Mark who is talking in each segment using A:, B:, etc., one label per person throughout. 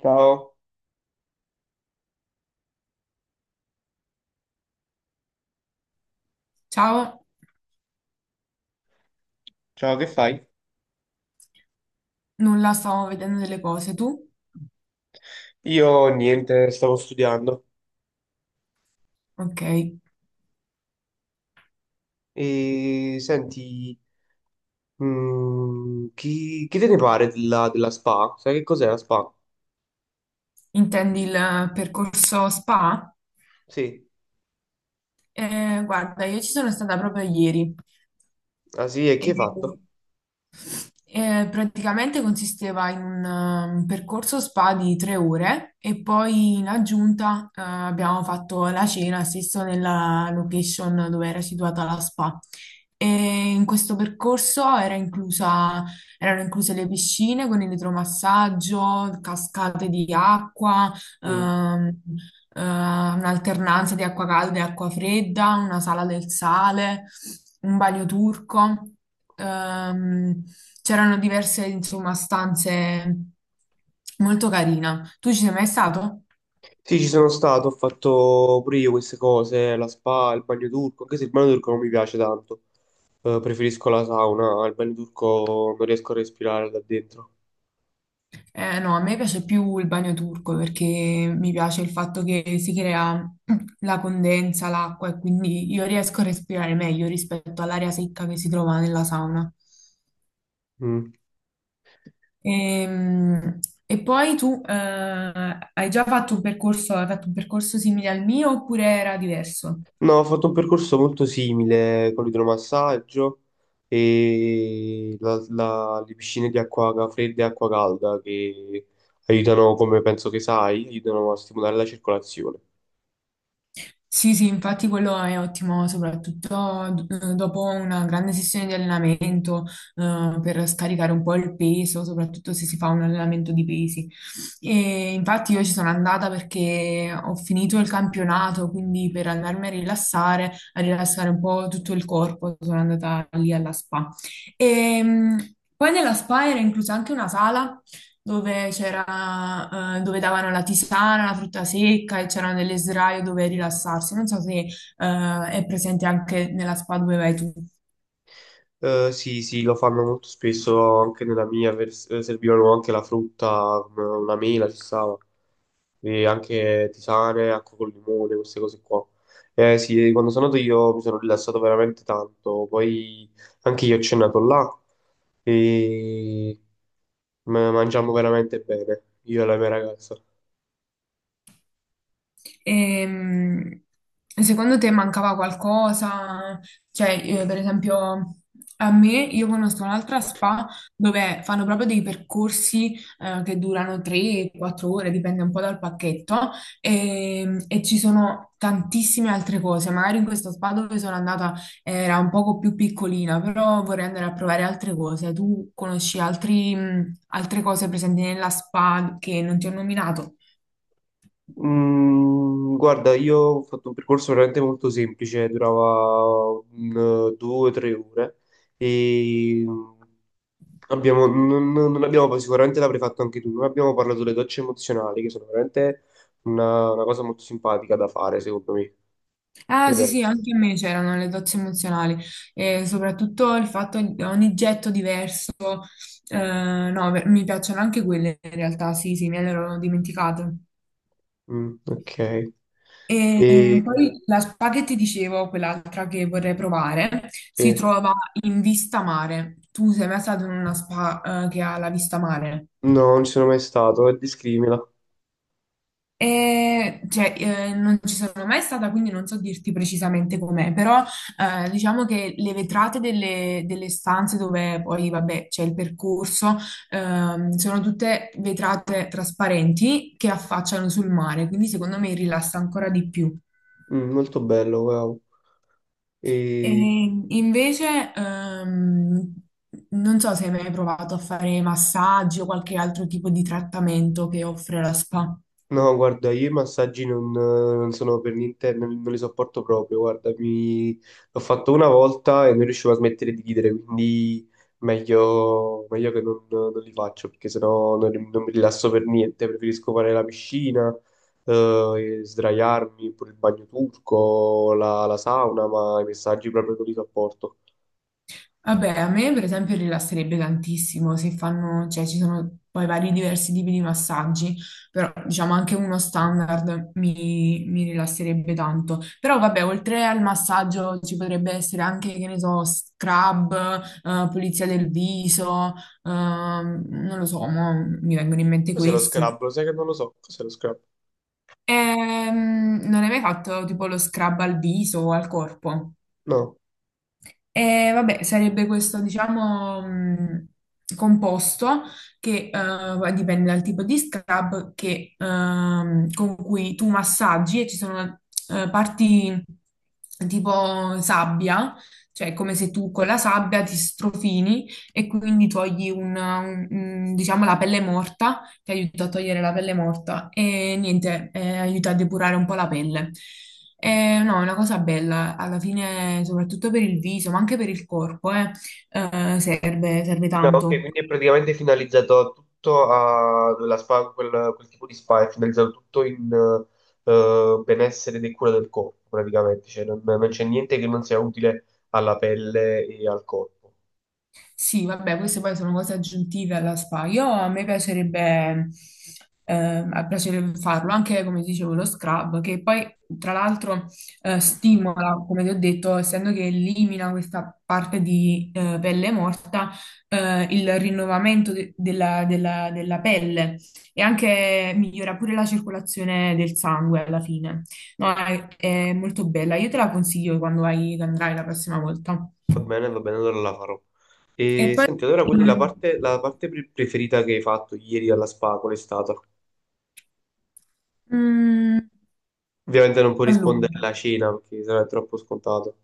A: Ciao,
B: Ciao,
A: ciao, che fai?
B: nulla, stavo vedendo delle cose. Tu?
A: Io niente, stavo studiando.
B: Ok,
A: E senti, chi te ne pare della SPA? Sai che cos'è la SPA?
B: intendi il percorso spa?
A: Sì,
B: Guarda, io ci sono stata proprio ieri.
A: ah sì, e chi hai
B: E
A: fatto?
B: Praticamente consisteva in un percorso spa di tre ore e poi in aggiunta, abbiamo fatto la cena stesso nella location dove era situata la spa. E in questo percorso erano incluse le piscine con elettromassaggio, cascate di acqua,
A: Mm.
B: ehm, un'alternanza di acqua calda e acqua fredda, una sala del sale, un bagno turco. Ehm, C'erano diverse, insomma, stanze molto carine. Tu ci sei mai stato?
A: Sì, ci sono stato, ho fatto pure io queste cose, la SPA, il bagno turco, anche se il bagno turco non mi piace tanto. Preferisco la sauna, al bagno turco non riesco a respirare da dentro.
B: No, a me piace più il bagno turco perché mi piace il fatto che si crea la condensa, l'acqua e quindi io riesco a respirare meglio rispetto all'aria secca che si trova nella sauna.
A: Mm.
B: Ehm, E, poi tu hai fatto un percorso simile al mio oppure era diverso?
A: No, ho fatto un percorso molto simile con l'idromassaggio e le piscine di acqua fredda e acqua calda che aiutano, come penso che sai, aiutano a stimolare la circolazione.
B: Sì, sì, infatti quello è ottimo, soprattutto dopo una grande sessione di allenamento, per scaricare un po' il peso, soprattutto se si fa un allenamento di pesi. E infatti io ci sono andata perché ho finito il campionato, quindi per andarmi a rilassare un po' tutto il corpo, sono andata lì alla spa. E, poi nella spa era inclusa anche una sala dove davano la tisana, la frutta secca e c'erano delle sdraio dove rilassarsi. Non so se, è presente anche nella spa dove vai tu.
A: Sì, sì, lo fanno molto spesso anche nella mia, servivano anche la frutta, come una mela ci stava, e anche tisane, acqua col limone, queste cose qua. Eh sì, quando sono andato io mi sono rilassato veramente tanto, poi anche io ho cenato là e mangiamo veramente bene, io e la mia ragazza.
B: Ehm, Secondo te mancava qualcosa? Cioè, io, per esempio, a me, io conosco un'altra spa dove fanno proprio dei percorsi, che durano 3-4 ore, dipende un po' dal pacchetto, e, ci sono tantissime altre cose. Magari in questa spa dove sono andata era un poco più piccolina, però vorrei andare a provare altre cose. Tu conosci altre cose presenti nella spa che non ti ho nominato?
A: Mm, guarda, io ho fatto un percorso veramente molto semplice, durava un, due o tre ore e abbiamo, non abbiamo, sicuramente l'avrei fatto anche tu, non abbiamo parlato delle docce emozionali che sono veramente una cosa molto simpatica da fare, secondo me. Che
B: Ah,
A: ne
B: sì, sì,
A: pensi?
B: anche a me c'erano le docce emozionali e soprattutto il fatto di ogni getto diverso, no, beh, mi piacciono anche quelle in realtà, sì, sì, me le ero dimenticato.
A: Mm, ok.
B: E
A: E
B: poi la spa che ti dicevo, quell'altra che vorrei provare, si
A: sì.
B: trova in vista mare. Tu sei mai stato in una spa, che ha la vista mare?
A: No, non ci sono mai stato, e descrivimela.
B: E, cioè, non ci sono mai stata, quindi non so dirti precisamente com'è, però diciamo che le vetrate delle, delle stanze dove poi, vabbè, c'è il percorso, sono tutte vetrate trasparenti che affacciano sul mare, quindi secondo me rilassa ancora di più.
A: Mm, molto bello, wow.
B: E
A: E
B: invece, non so se hai mai provato a fare massaggi o qualche altro tipo di trattamento che offre la spa.
A: no, guarda, io i massaggi non sono per niente, non li sopporto proprio. Guarda, mi... l'ho fatto una volta e non riuscivo a smettere di ridere, quindi meglio, meglio che non li faccio perché sennò non mi rilasso per niente. Preferisco fare la piscina, eh, e sdraiarmi, pure il bagno turco, la sauna, ma i massaggi proprio non li sopporto.
B: Vabbè, a me per esempio rilasserebbe tantissimo se fanno, cioè ci sono poi vari diversi tipi di massaggi, però diciamo anche uno standard mi rilasserebbe tanto. Però vabbè, oltre al massaggio ci potrebbe essere anche, che ne so, scrub, pulizia del viso, non lo so, mo mi vengono in mente
A: Cos'è lo
B: questi.
A: scrub? Lo sai che non lo so. Cos'è lo scrub?
B: Non hai mai fatto tipo lo scrub al viso o al corpo?
A: No.
B: E vabbè, sarebbe questo, diciamo, composto che, dipende dal tipo di scrub che, con cui tu massaggi e ci sono, parti tipo sabbia, cioè come se tu con la sabbia ti strofini e quindi togli diciamo, la pelle morta, che aiuta a togliere la pelle morta e niente, aiuta a depurare un po' la pelle. No, è una cosa bella, alla fine, soprattutto per il viso, ma anche per il corpo, serve
A: No, ok,
B: tanto.
A: quindi è praticamente finalizzato tutto a la spa, quel tipo di spa, è finalizzato tutto in benessere e cura del corpo, praticamente, cioè non c'è niente che non sia utile alla pelle e al corpo.
B: Sì, vabbè, queste poi sono cose aggiuntive alla spa. Io a me piacerebbe farlo anche come dicevo lo scrub, che poi tra l'altro stimola, come ti ho detto, essendo che elimina questa parte di pelle morta, il rinnovamento della pelle e anche migliora pure la circolazione del sangue alla fine. No, è molto bella. Io te la consiglio quando andrai la prossima volta.
A: Va bene, allora la farò.
B: E
A: E
B: poi.
A: senti, allora quindi la
B: Mm.
A: parte, preferita che hai fatto ieri alla spa, qual è stata?
B: Mm,
A: Ovviamente non puoi rispondere
B: allora,
A: alla cena perché sarà troppo scontato.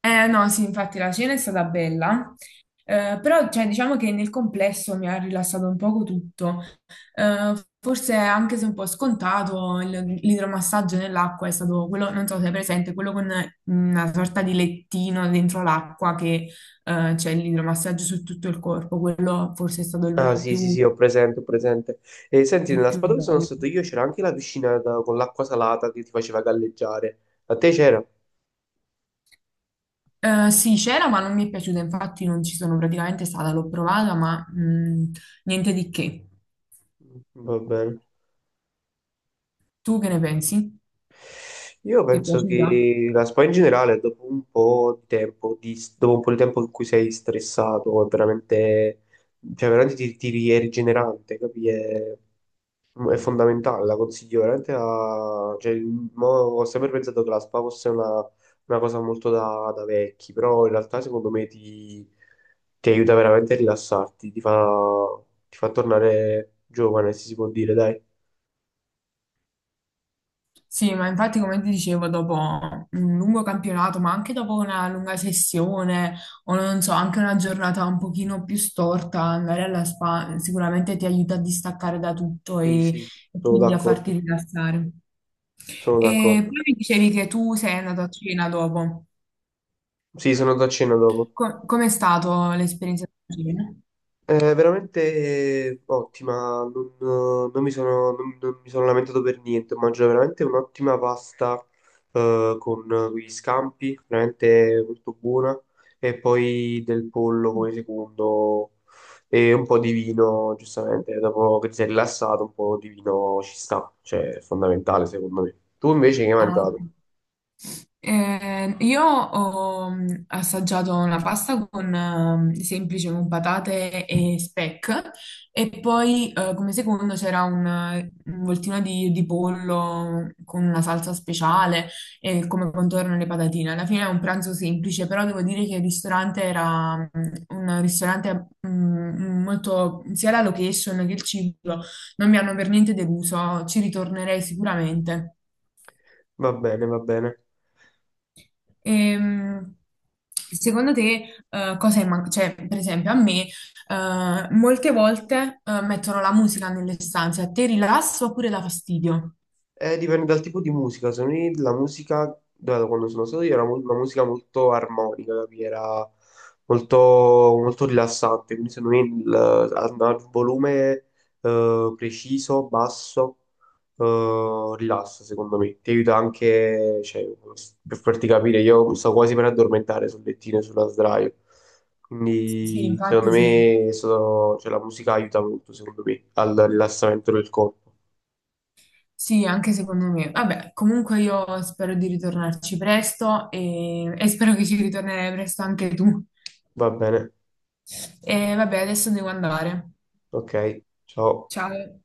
B: no, sì, infatti la cena è stata bella, però cioè, diciamo che nel complesso mi ha rilassato un poco tutto. Eh, Forse anche se un po' scontato, l'idromassaggio nell'acqua è stato quello, non so se è presente, quello con una sorta di lettino dentro l'acqua che, c'è l'idromassaggio su tutto il corpo, quello forse è stato
A: Ah
B: il
A: sì sì
B: più,
A: sì, ho presente, ho presente. E senti,
B: il
A: nella
B: più
A: spa dove sono
B: bello.
A: stato io c'era anche la con l'acqua salata che ti faceva galleggiare. A te c'era?
B: Sì, c'era, ma non mi è piaciuta, infatti non ci sono praticamente stata, l'ho provata, ma niente di che.
A: Mm, va bene.
B: Tu che ne pensi?
A: Io
B: Ti è
A: penso
B: piaciuta?
A: che la spa in generale, dopo un po' di tempo, dopo un po' di tempo in cui sei stressato, è veramente, cioè veramente ti è rigenerante, capi? È fondamentale, la consiglio veramente a... Cioè, mo ho sempre pensato che la spa fosse una cosa molto da vecchi, però in realtà secondo me ti aiuta veramente a rilassarti, ti fa tornare giovane, se si può dire, dai.
B: Sì, ma infatti come ti dicevo, dopo un lungo campionato, ma anche dopo una lunga sessione o non so, anche una giornata un pochino più storta, andare alla spa sicuramente ti aiuta a distaccare da tutto
A: Sì, sì,
B: e
A: sono
B: quindi a farti
A: d'accordo,
B: rilassare.
A: sono
B: E
A: d'accordo.
B: poi mi dicevi che tu sei andato a cena dopo.
A: Sì, sono da cena dopo.
B: Com'è stato l'esperienza di cena?
A: È veramente ottima, non mi sono lamentato per niente, mangio veramente un'ottima pasta con gli scampi, veramente molto buona, e poi del pollo come secondo e un po' di vino, giustamente, dopo che ti sei rilassato un po' di vino ci sta, cioè è fondamentale secondo me. Tu invece che hai
B: Ah, ok.
A: mangiato?
B: Io ho assaggiato una pasta con semplice con patate e speck e poi, come secondo c'era un voltino di pollo con una salsa speciale e come contorno le patatine. Alla fine è un pranzo semplice, però devo dire che il ristorante era, un ristorante molto, sia la location che il cibo non mi hanno per niente deluso, ci ritornerei sicuramente.
A: Va bene, va bene.
B: Ehm, Secondo te, cosa è cioè, per esempio, a me, molte volte, mettono la musica nelle stanze, a te rilassa oppure dà fastidio?
A: Dipende dal tipo di musica. Secondo me la musica, da quando sono stato io, una musica molto armonica, capì? Era molto, molto rilassante. Quindi secondo me andava al volume preciso, basso, rilassa, secondo me. Ti aiuta anche, cioè, per farti capire, io mi sto quasi per addormentare sul lettino e sulla sdraio.
B: Sì,
A: Quindi secondo
B: infatti sì.
A: me cioè, la musica aiuta molto, secondo me, al rilassamento del corpo.
B: Sì, anche secondo me. Vabbè, comunque io spero di ritornarci presto e spero che ci ritornerai presto anche tu.
A: Va bene.
B: E vabbè, adesso devo andare.
A: Ok, ciao.
B: Ciao.